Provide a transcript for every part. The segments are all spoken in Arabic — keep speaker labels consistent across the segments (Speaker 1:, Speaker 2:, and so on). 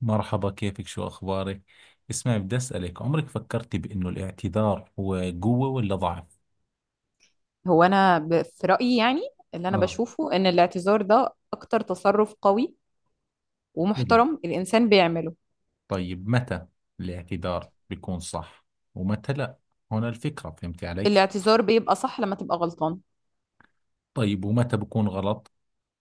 Speaker 1: مرحبا، كيفك؟ شو أخبارك؟ اسمعي، بدي أسألك عمرك فكرتي بأنه الاعتذار هو قوة ولا ضعف؟
Speaker 2: هو في رايي، يعني اللي انا
Speaker 1: اه.
Speaker 2: بشوفه ان الاعتذار ده اكتر تصرف قوي
Speaker 1: حلو.
Speaker 2: ومحترم الانسان بيعمله.
Speaker 1: طيب، متى الاعتذار بيكون صح ومتى لا؟ هنا الفكرة، فهمتي علي؟
Speaker 2: الاعتذار بيبقى صح لما تبقى غلطان،
Speaker 1: طيب، ومتى بكون غلط؟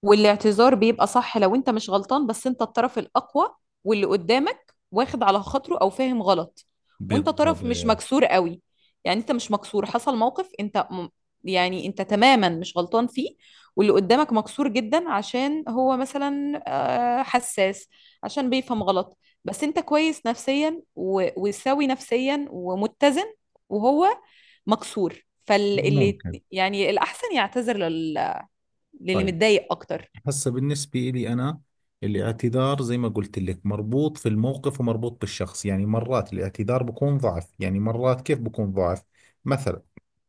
Speaker 2: والاعتذار بيبقى صح لو انت مش غلطان بس انت الطرف الأقوى، واللي قدامك واخد على خاطره أو فاهم غلط وانت
Speaker 1: بالضبط.
Speaker 2: طرف مش مكسور قوي. يعني انت مش مكسور، حصل موقف انت يعني انت تماما مش غلطان فيه، واللي قدامك مكسور جدا عشان هو مثلا حساس، عشان بيفهم غلط، بس انت كويس نفسيا وسوي نفسيا ومتزن، وهو مكسور فاللي
Speaker 1: ممكن.
Speaker 2: يعني الأحسن يعتذر للي
Speaker 1: طيب،
Speaker 2: متضايق أكتر.
Speaker 1: هسه بالنسبة لي أنا الاعتذار زي ما قلت لك مربوط في الموقف ومربوط بالشخص، يعني مرات الاعتذار بكون ضعف. يعني مرات كيف بكون ضعف؟ مثلا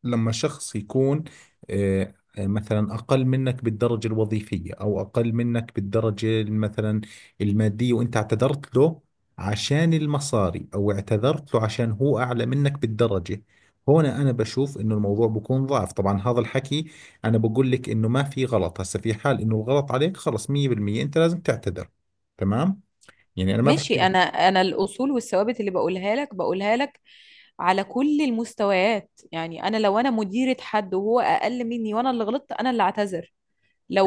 Speaker 1: لما شخص يكون آه، مثلا أقل منك بالدرجة الوظيفية أو أقل منك بالدرجة مثلا المادية وأنت اعتذرت له عشان المصاري، أو اعتذرت له عشان هو أعلى منك بالدرجة. هنا أنا بشوف إنه الموضوع بكون ضعف. طبعا هذا الحكي أنا بقول لك إنه ما في غلط، هسه في حال إنه الغلط عليك خلص 100% أنت لازم تعتذر. تمام، يعني أنا ما بحكي
Speaker 2: ماشي،
Speaker 1: لك.
Speaker 2: انا الاصول والثوابت اللي بقولها لك على كل المستويات، يعني انا لو انا مديرة حد وهو اقل مني وانا اللي غلطت، انا اللي اعتذر.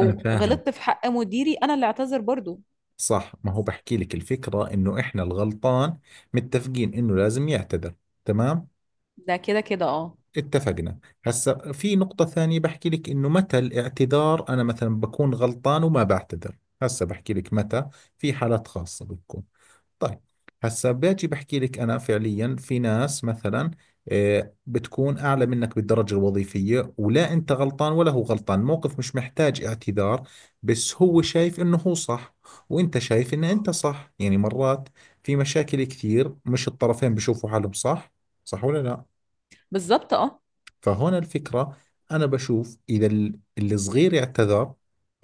Speaker 1: أنا فاهم.
Speaker 2: غلطت في حق مديري انا اللي اعتذر برضو.
Speaker 1: صح، ما هو بحكي لك الفكرة انه احنا الغلطان متفقين انه لازم يعتذر. تمام،
Speaker 2: ده كده كده اه.
Speaker 1: اتفقنا. هسا في نقطة ثانية بحكي لك انه متى الاعتذار انا مثلا بكون غلطان وما بعتذر. هسا بحكي لك متى. في حالات خاصة بتكون. طيب، هسا باجي بحكي لك انا فعليا في ناس مثلا بتكون اعلى منك بالدرجه الوظيفيه، ولا انت غلطان ولا هو غلطان، موقف مش محتاج اعتذار، بس هو شايف انه هو صح وانت شايف ان انت صح. يعني مرات في مشاكل كثير مش الطرفين بشوفوا حالهم صح؟ صح ولا لا؟
Speaker 2: بالظبط اه.
Speaker 1: فهنا الفكرة، أنا بشوف إذا اللي صغير اعتذر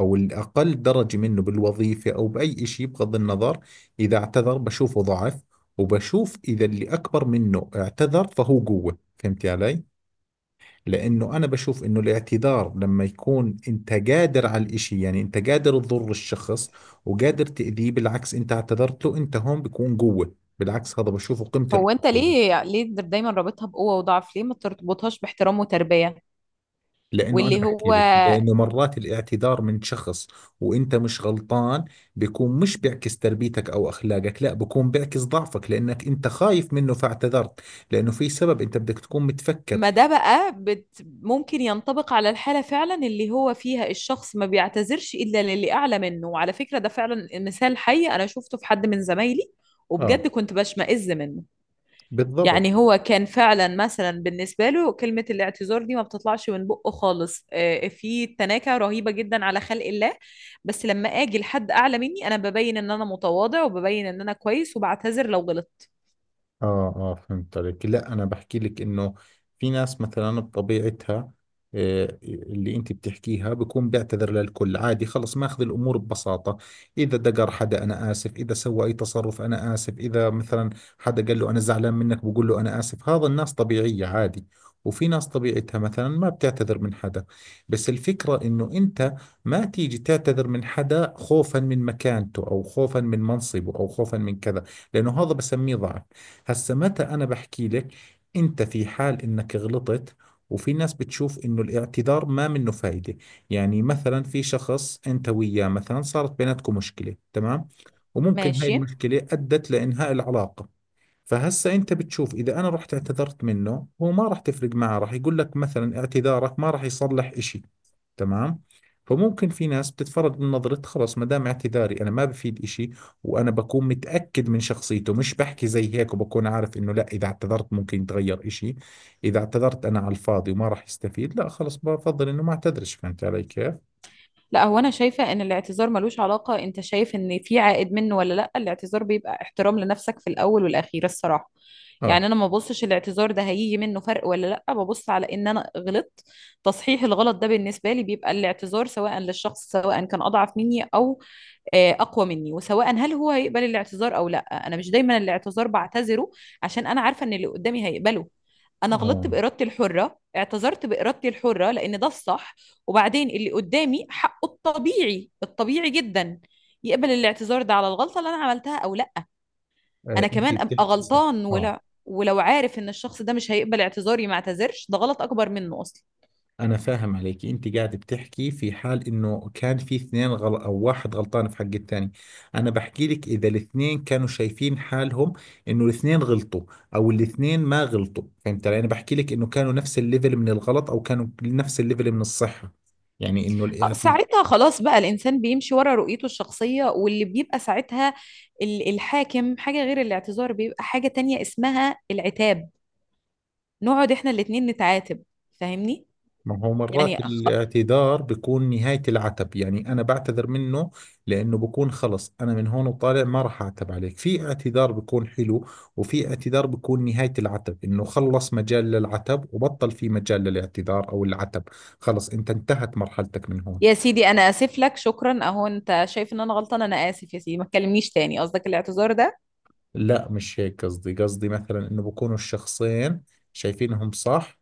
Speaker 1: أو الأقل درجة منه بالوظيفة أو بأي شيء، بغض النظر إذا اعتذر بشوفه ضعف، وبشوف إذا اللي أكبر منه اعتذر فهو قوة. فهمتي علي؟ لأنه أنا بشوف إنه الاعتذار لما يكون أنت قادر على الإشي، يعني أنت قادر تضر الشخص وقادر تأذيه، بالعكس أنت اعتذرت له، أنت هون بيكون قوة. بالعكس هذا بشوفه قيمة.
Speaker 2: هو انت
Speaker 1: القوة
Speaker 2: ليه دايما رابطها بقوة وضعف؟ ليه ما ترتبطهاش باحترام وتربية؟
Speaker 1: لانه انا
Speaker 2: واللي
Speaker 1: بحكي
Speaker 2: هو
Speaker 1: لك لانه مرات الاعتذار من شخص وانت مش غلطان بيكون مش بيعكس تربيتك او اخلاقك، لا بيكون بيعكس ضعفك لانك انت خايف منه فاعتذرت. لانه في سبب انت بدك تكون متفكر.
Speaker 2: ما ده بقى بت ممكن ينطبق على الحالة فعلا اللي هو فيها الشخص ما بيعتذرش إلا للي أعلى منه. وعلى فكرة ده فعلا مثال حي، أنا شفته في حد من زمايلي،
Speaker 1: اه،
Speaker 2: وبجد كنت بشمئز منه.
Speaker 1: بالضبط.
Speaker 2: يعني هو كان فعلا مثلا بالنسبة له كلمة الاعتذار دي ما بتطلعش من بقه خالص، في تناكة رهيبة جدا على خلق الله. بس لما أجي لحد أعلى مني أنا ببين إن أنا متواضع وببين إن أنا كويس وبعتذر لو غلطت.
Speaker 1: اه اه، فهمت عليك. لا، انا بحكي لك انه في ناس مثلا بطبيعتها اللي انت بتحكيها بكون بيعتذر للكل عادي، خلص ماخذ الامور ببساطة. اذا دقر حدا انا اسف، اذا سوى اي تصرف انا اسف، اذا مثلا حدا قال له انا زعلان منك بقول له انا اسف. هذا الناس طبيعية، عادي. وفي ناس طبيعتها مثلا ما بتعتذر من حدا. بس الفكرة انه انت ما تيجي تعتذر من حدا خوفا من مكانته او خوفا من منصبه او خوفا من كذا، لانه هذا بسميه ضعف. هسا متى أنا بحكي لك؟ أنت في حال إنك غلطت وفي ناس بتشوف إنه الاعتذار ما منه فايدة. يعني مثلا في شخص أنت وياه مثلا صارت بيناتكم مشكلة، تمام، وممكن هاي
Speaker 2: ماشي.
Speaker 1: المشكلة أدت لإنهاء العلاقة. فهسا انت بتشوف اذا انا رحت اعتذرت منه هو ما راح تفرق معه، راح يقول لك مثلا اعتذارك ما راح يصلح اشي، تمام. فممكن في ناس بتتفرج من نظرة، خلص ما دام اعتذاري انا ما بفيد اشي، وانا بكون متأكد من شخصيته مش بحكي زي هيك، وبكون عارف انه لا، اذا اعتذرت ممكن يتغير اشي. اذا اعتذرت انا على الفاضي وما راح يستفيد لا خلص بفضل انه ما اعتذرش. فهمت علي كيف؟
Speaker 2: لا، هو انا شايفه ان الاعتذار ملوش علاقه انت شايف ان في عائد منه ولا لا. الاعتذار بيبقى احترام لنفسك في الاول والاخير الصراحه. يعني
Speaker 1: اه.
Speaker 2: انا ما ببصش الاعتذار ده هيجي منه فرق ولا لا، ببص على ان انا غلطت. تصحيح الغلط ده بالنسبه لي بيبقى الاعتذار، سواء للشخص سواء كان اضعف مني او اقوى مني، وسواء هل هو هيقبل الاعتذار او لا. انا مش دايما الاعتذار بعتذره عشان انا عارفه ان اللي قدامي هيقبله. انا غلطت
Speaker 1: اه.
Speaker 2: بارادتي الحره، اعتذرت بارادتي الحره لان ده الصح. وبعدين اللي قدامي حقه الطبيعي الطبيعي جدا يقبل الاعتذار ده على الغلطه اللي انا عملتها او لا. انا
Speaker 1: انت
Speaker 2: كمان ابقى
Speaker 1: بتحكي صح.
Speaker 2: غلطان
Speaker 1: اه.
Speaker 2: ولا ولو عارف ان الشخص ده مش هيقبل اعتذاري ما اعتذرش، ده غلط اكبر منه اصلا.
Speaker 1: أنا فاهم عليك، أنت قاعد بتحكي في حال إنه كان في اثنين أو واحد غلطان في حق الثاني. أنا بحكي لك إذا الاثنين كانوا شايفين حالهم إنه الاثنين غلطوا أو الاثنين ما غلطوا، فهمت علي؟ أنا بحكي لك إنه كانوا نفس الليفل من الغلط أو كانوا نفس الليفل من الصحة. يعني إنه الاعتذار،
Speaker 2: ساعتها خلاص بقى الإنسان بيمشي ورا رؤيته الشخصية، واللي بيبقى ساعتها الحاكم حاجة غير الاعتذار، بيبقى حاجة تانية اسمها العتاب. نقعد احنا الاتنين نتعاتب. فاهمني؟
Speaker 1: ما هو
Speaker 2: يعني
Speaker 1: مرات
Speaker 2: أخ...
Speaker 1: الاعتذار بيكون نهاية العتب. يعني أنا بعتذر منه لأنه بكون خلص أنا من هون وطالع ما راح أعتب عليك. في اعتذار بيكون حلو، وفي اعتذار بيكون نهاية العتب إنه خلص مجال للعتب وبطل في مجال للاعتذار أو العتب. خلص أنت انتهت مرحلتك من هون.
Speaker 2: يا سيدي أنا آسف لك، شكرا، أهو أنت شايف إن أنا غلطان، أنا آسف يا سيدي ما تكلمنيش تاني، قصدك الاعتذار ده؟
Speaker 1: لا، مش هيك قصدي. قصدي مثلا إنه بكونوا الشخصين شايفينهم صح.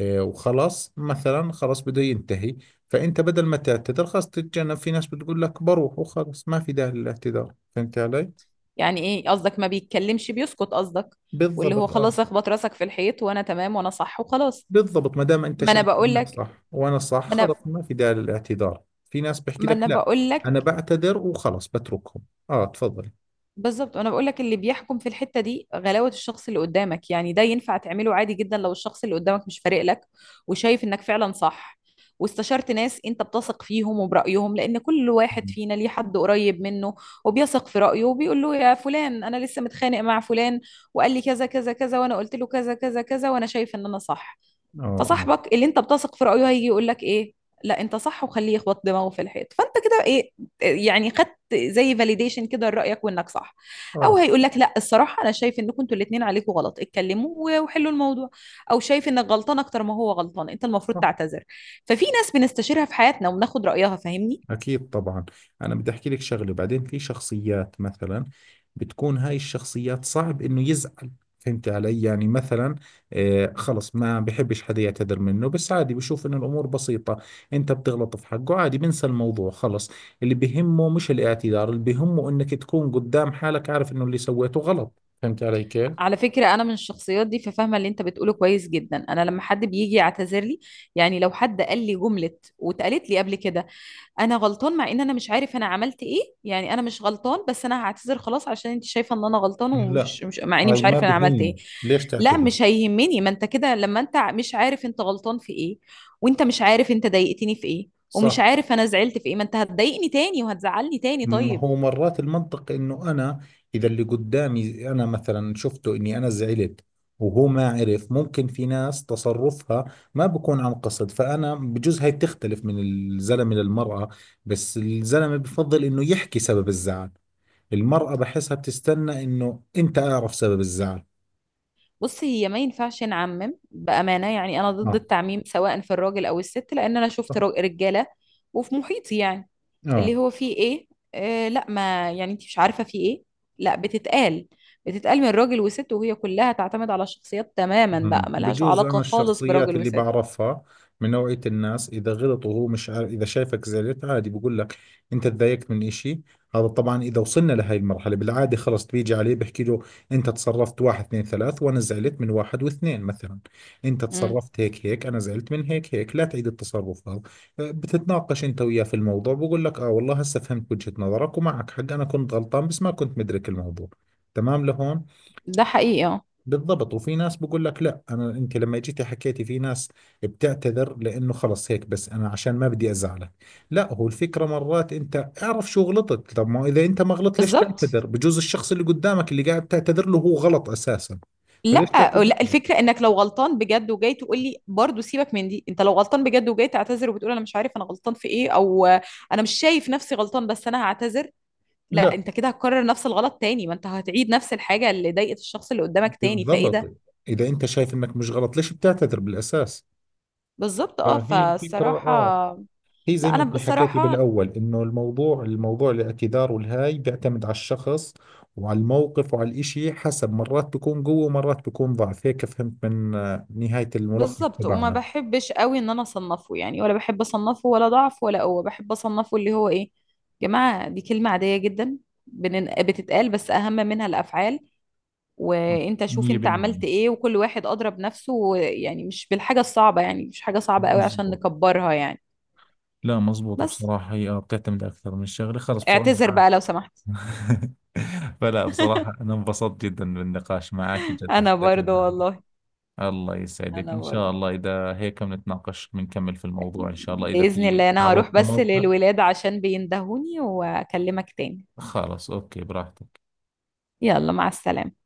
Speaker 1: إيه، وخلاص مثلا خلاص بده ينتهي. فانت بدل ما تعتذر خلاص تتجنب، في ناس بتقول لك بروح وخلاص ما في داعي للاعتذار، فهمت علي؟
Speaker 2: يعني إيه قصدك، ما بيتكلمش بيسكت قصدك؟ واللي هو
Speaker 1: بالضبط، اه.
Speaker 2: خلاص اخبط راسك في الحيط وأنا تمام وأنا صح وخلاص.
Speaker 1: بالضبط، ما دام انت
Speaker 2: ما أنا
Speaker 1: شايف
Speaker 2: بقول
Speaker 1: انك
Speaker 2: لك
Speaker 1: صح وانا صح
Speaker 2: ما
Speaker 1: خلاص
Speaker 2: أنا
Speaker 1: ما في داعي للاعتذار. في ناس بحكي
Speaker 2: ما
Speaker 1: لك
Speaker 2: أنا
Speaker 1: لا،
Speaker 2: بقول
Speaker 1: انا
Speaker 2: لك
Speaker 1: بعتذر وخلاص بتركهم. اه، تفضل.
Speaker 2: بالظبط. انا بقول لك اللي بيحكم في الحته دي غلاوه الشخص اللي قدامك، يعني ده ينفع تعمله عادي جدا لو الشخص اللي قدامك مش فارق لك وشايف انك فعلا صح، واستشرت ناس انت بتثق فيهم وبرايهم، لان كل واحد فينا ليه حد قريب منه وبيثق في رايه، وبيقول له يا فلان انا لسه متخانق مع فلان، وقال لي كذا كذا كذا وانا قلت له كذا كذا كذا وانا شايف ان انا صح.
Speaker 1: اه.
Speaker 2: فصاحبك اللي انت بتثق في رأيه هيجي يقول لك ايه، لا انت صح وخليه يخبط دماغه في الحيط، فانت كده ايه، يعني خدت زي فاليديشن كده لرأيك وانك صح. او
Speaker 1: اه.
Speaker 2: هيقول لك لا الصراحة انا شايف انكم انتوا الاتنين عليكم غلط، اتكلموا وحلوا الموضوع، او شايف انك غلطان اكتر ما هو غلطان، انت المفروض
Speaker 1: اه.
Speaker 2: تعتذر. ففي ناس بنستشيرها في حياتنا وبناخد رأيها، فاهمني؟
Speaker 1: أكيد، طبعا. أنا بدي أحكي لك شغلة بعدين، في شخصيات مثلا بتكون هاي الشخصيات صعب إنه يزعل، فهمت علي؟ يعني مثلا خلص ما بحبش حدا يعتذر منه، بس عادي بشوف إنه الأمور بسيطة. أنت بتغلط في حقه عادي بنسى الموضوع خلص. اللي بهمه مش الاعتذار، اللي بهمه إنك تكون قدام حالك عارف إنه اللي سويته غلط، فهمت علي كيف؟
Speaker 2: على فكرة أنا من الشخصيات دي ففاهمة اللي أنت بتقوله كويس جدا. أنا لما حد بيجي يعتذر لي، يعني لو حد قال لي جملة واتقالت لي قبل كده، انا غلطان مع ان انا مش عارف انا عملت ايه، يعني انا مش غلطان بس انا هعتذر خلاص عشان انت شايفه ان انا غلطان،
Speaker 1: لا.
Speaker 2: ومش مش مع اني
Speaker 1: هاي
Speaker 2: مش
Speaker 1: ما
Speaker 2: عارف انا عملت ايه.
Speaker 1: بهمني ليش
Speaker 2: لا
Speaker 1: تعتذر.
Speaker 2: مش هيهمني، ما انت كده لما انت مش عارف انت غلطان في ايه وانت مش عارف انت ضايقتني في ايه ومش
Speaker 1: صح،
Speaker 2: عارف انا زعلت في ايه، ما انت هتضايقني تاني وهتزعلني تاني
Speaker 1: ما
Speaker 2: طيب.
Speaker 1: هو مرات المنطق انه انا اذا اللي قدامي انا مثلا شفته اني انا زعلت وهو ما عرف، ممكن في ناس تصرفها ما بكون عن قصد. فانا بجوز هاي بتختلف من الزلمه للمراه، بس الزلمه بفضل انه يحكي سبب الزعل، المراه بحسها بتستنى انه انت اعرف سبب الزعل.
Speaker 2: بص، هي ما ينفعش نعمم بامانه، يعني انا ضد
Speaker 1: اه.
Speaker 2: التعميم سواء في الراجل او الست، لان انا شفت رجاله وفي محيطي، يعني اللي
Speaker 1: اه.
Speaker 2: هو فيه ايه، لا ما يعني انت مش عارفة فيه ايه، لا بتتقال، بتتقال من راجل وست، وهي كلها تعتمد على الشخصيات تماما بقى،
Speaker 1: مم.
Speaker 2: ملهاش
Speaker 1: بجوز
Speaker 2: علاقة
Speaker 1: انا
Speaker 2: خالص
Speaker 1: الشخصيات
Speaker 2: براجل
Speaker 1: اللي
Speaker 2: وست.
Speaker 1: بعرفها من نوعية الناس اذا غلطوا هو مش عارف، اذا شايفك زعلت عادي بقول لك انت تضايقت من اشي. هذا طبعا اذا وصلنا لهي المرحلة، بالعادة خلص بيجي عليه بحكي له انت تصرفت واحد اثنين ثلاث وانا زعلت من واحد واثنين، مثلا انت
Speaker 2: مم.
Speaker 1: تصرفت هيك هيك انا زعلت من هيك هيك، لا تعيد التصرف هذا. بتتناقش انت وياه في الموضوع، بقول لك اه والله هسه فهمت وجهة نظرك ومعك حق، انا كنت غلطان بس ما كنت مدرك الموضوع، تمام لهون.
Speaker 2: ده حقيقي اه.
Speaker 1: بالضبط. وفي ناس بقول لك لا، انا انت لما جيتي حكيتي، في ناس بتعتذر لانه خلص هيك بس انا عشان ما بدي ازعلك. لا، هو الفكره مرات انت اعرف شو غلطت. طب ما اذا انت ما غلطت ليش
Speaker 2: بالظبط.
Speaker 1: تعتذر؟ بجوز الشخص اللي قدامك اللي قاعد تعتذر له هو غلط اساسا. فليش
Speaker 2: لا،
Speaker 1: تعتذر
Speaker 2: لا
Speaker 1: له؟
Speaker 2: الفكرة انك لو غلطان بجد وجاي تقول لي برضه سيبك من دي، انت لو غلطان بجد وجاي تعتذر وبتقول انا مش عارف انا غلطان في ايه، او انا مش شايف نفسي غلطان بس انا هعتذر، لا
Speaker 1: لا،
Speaker 2: انت كده هتكرر نفس الغلط تاني، ما انت هتعيد نفس الحاجة اللي ضايقت الشخص اللي قدامك تاني، فايه ده؟
Speaker 1: بالضبط. اذا انت شايف انك مش غلط ليش بتعتذر بالاساس؟
Speaker 2: بالظبط اه،
Speaker 1: فهي الفكره،
Speaker 2: فالصراحة.
Speaker 1: اه. هي زي
Speaker 2: لا
Speaker 1: ما
Speaker 2: انا
Speaker 1: انت حكيتي
Speaker 2: بصراحة
Speaker 1: بالاول انه الموضوع الاعتذار والهاي بيعتمد على الشخص وعلى الموقف وعلى الاشي حسب. مرات بيكون قوة ومرات بيكون ضعف، هيك فهمت من نهاية الملخص
Speaker 2: بالظبط، وما
Speaker 1: تبعنا.
Speaker 2: بحبش قوي ان انا اصنفه، يعني ولا بحب اصنفه ولا ضعف ولا قوة، بحب اصنفه اللي هو ايه، جماعة دي كلمة عادية جدا بتتقال، بس اهم منها الافعال. وانت شوف
Speaker 1: مية
Speaker 2: انت عملت
Speaker 1: بالمية
Speaker 2: ايه وكل واحد اضرب نفسه، يعني مش بالحاجة الصعبة، يعني مش حاجة صعبة قوي عشان
Speaker 1: مزبوط.
Speaker 2: نكبرها يعني.
Speaker 1: لا مزبوط،
Speaker 2: بس
Speaker 1: بصراحة هي بتعتمد أكثر من شغلة خلص،
Speaker 2: اعتذر
Speaker 1: بصراحة.
Speaker 2: بقى لو سمحت.
Speaker 1: فلا بصراحة أنا انبسطت جدا بالنقاش معك، جدا
Speaker 2: انا
Speaker 1: حسيت
Speaker 2: برضو والله.
Speaker 1: الله يسعدك
Speaker 2: انا
Speaker 1: إن
Speaker 2: برضو.
Speaker 1: شاء الله، إذا هيك بنتناقش بنكمل في الموضوع إن شاء الله إذا
Speaker 2: بإذن
Speaker 1: في
Speaker 2: الله انا هروح
Speaker 1: تعرضت
Speaker 2: بس
Speaker 1: لموقف.
Speaker 2: للولاد عشان بيندهوني واكلمك تاني.
Speaker 1: خلاص، اوكي، براحتك.
Speaker 2: يلا مع السلامة.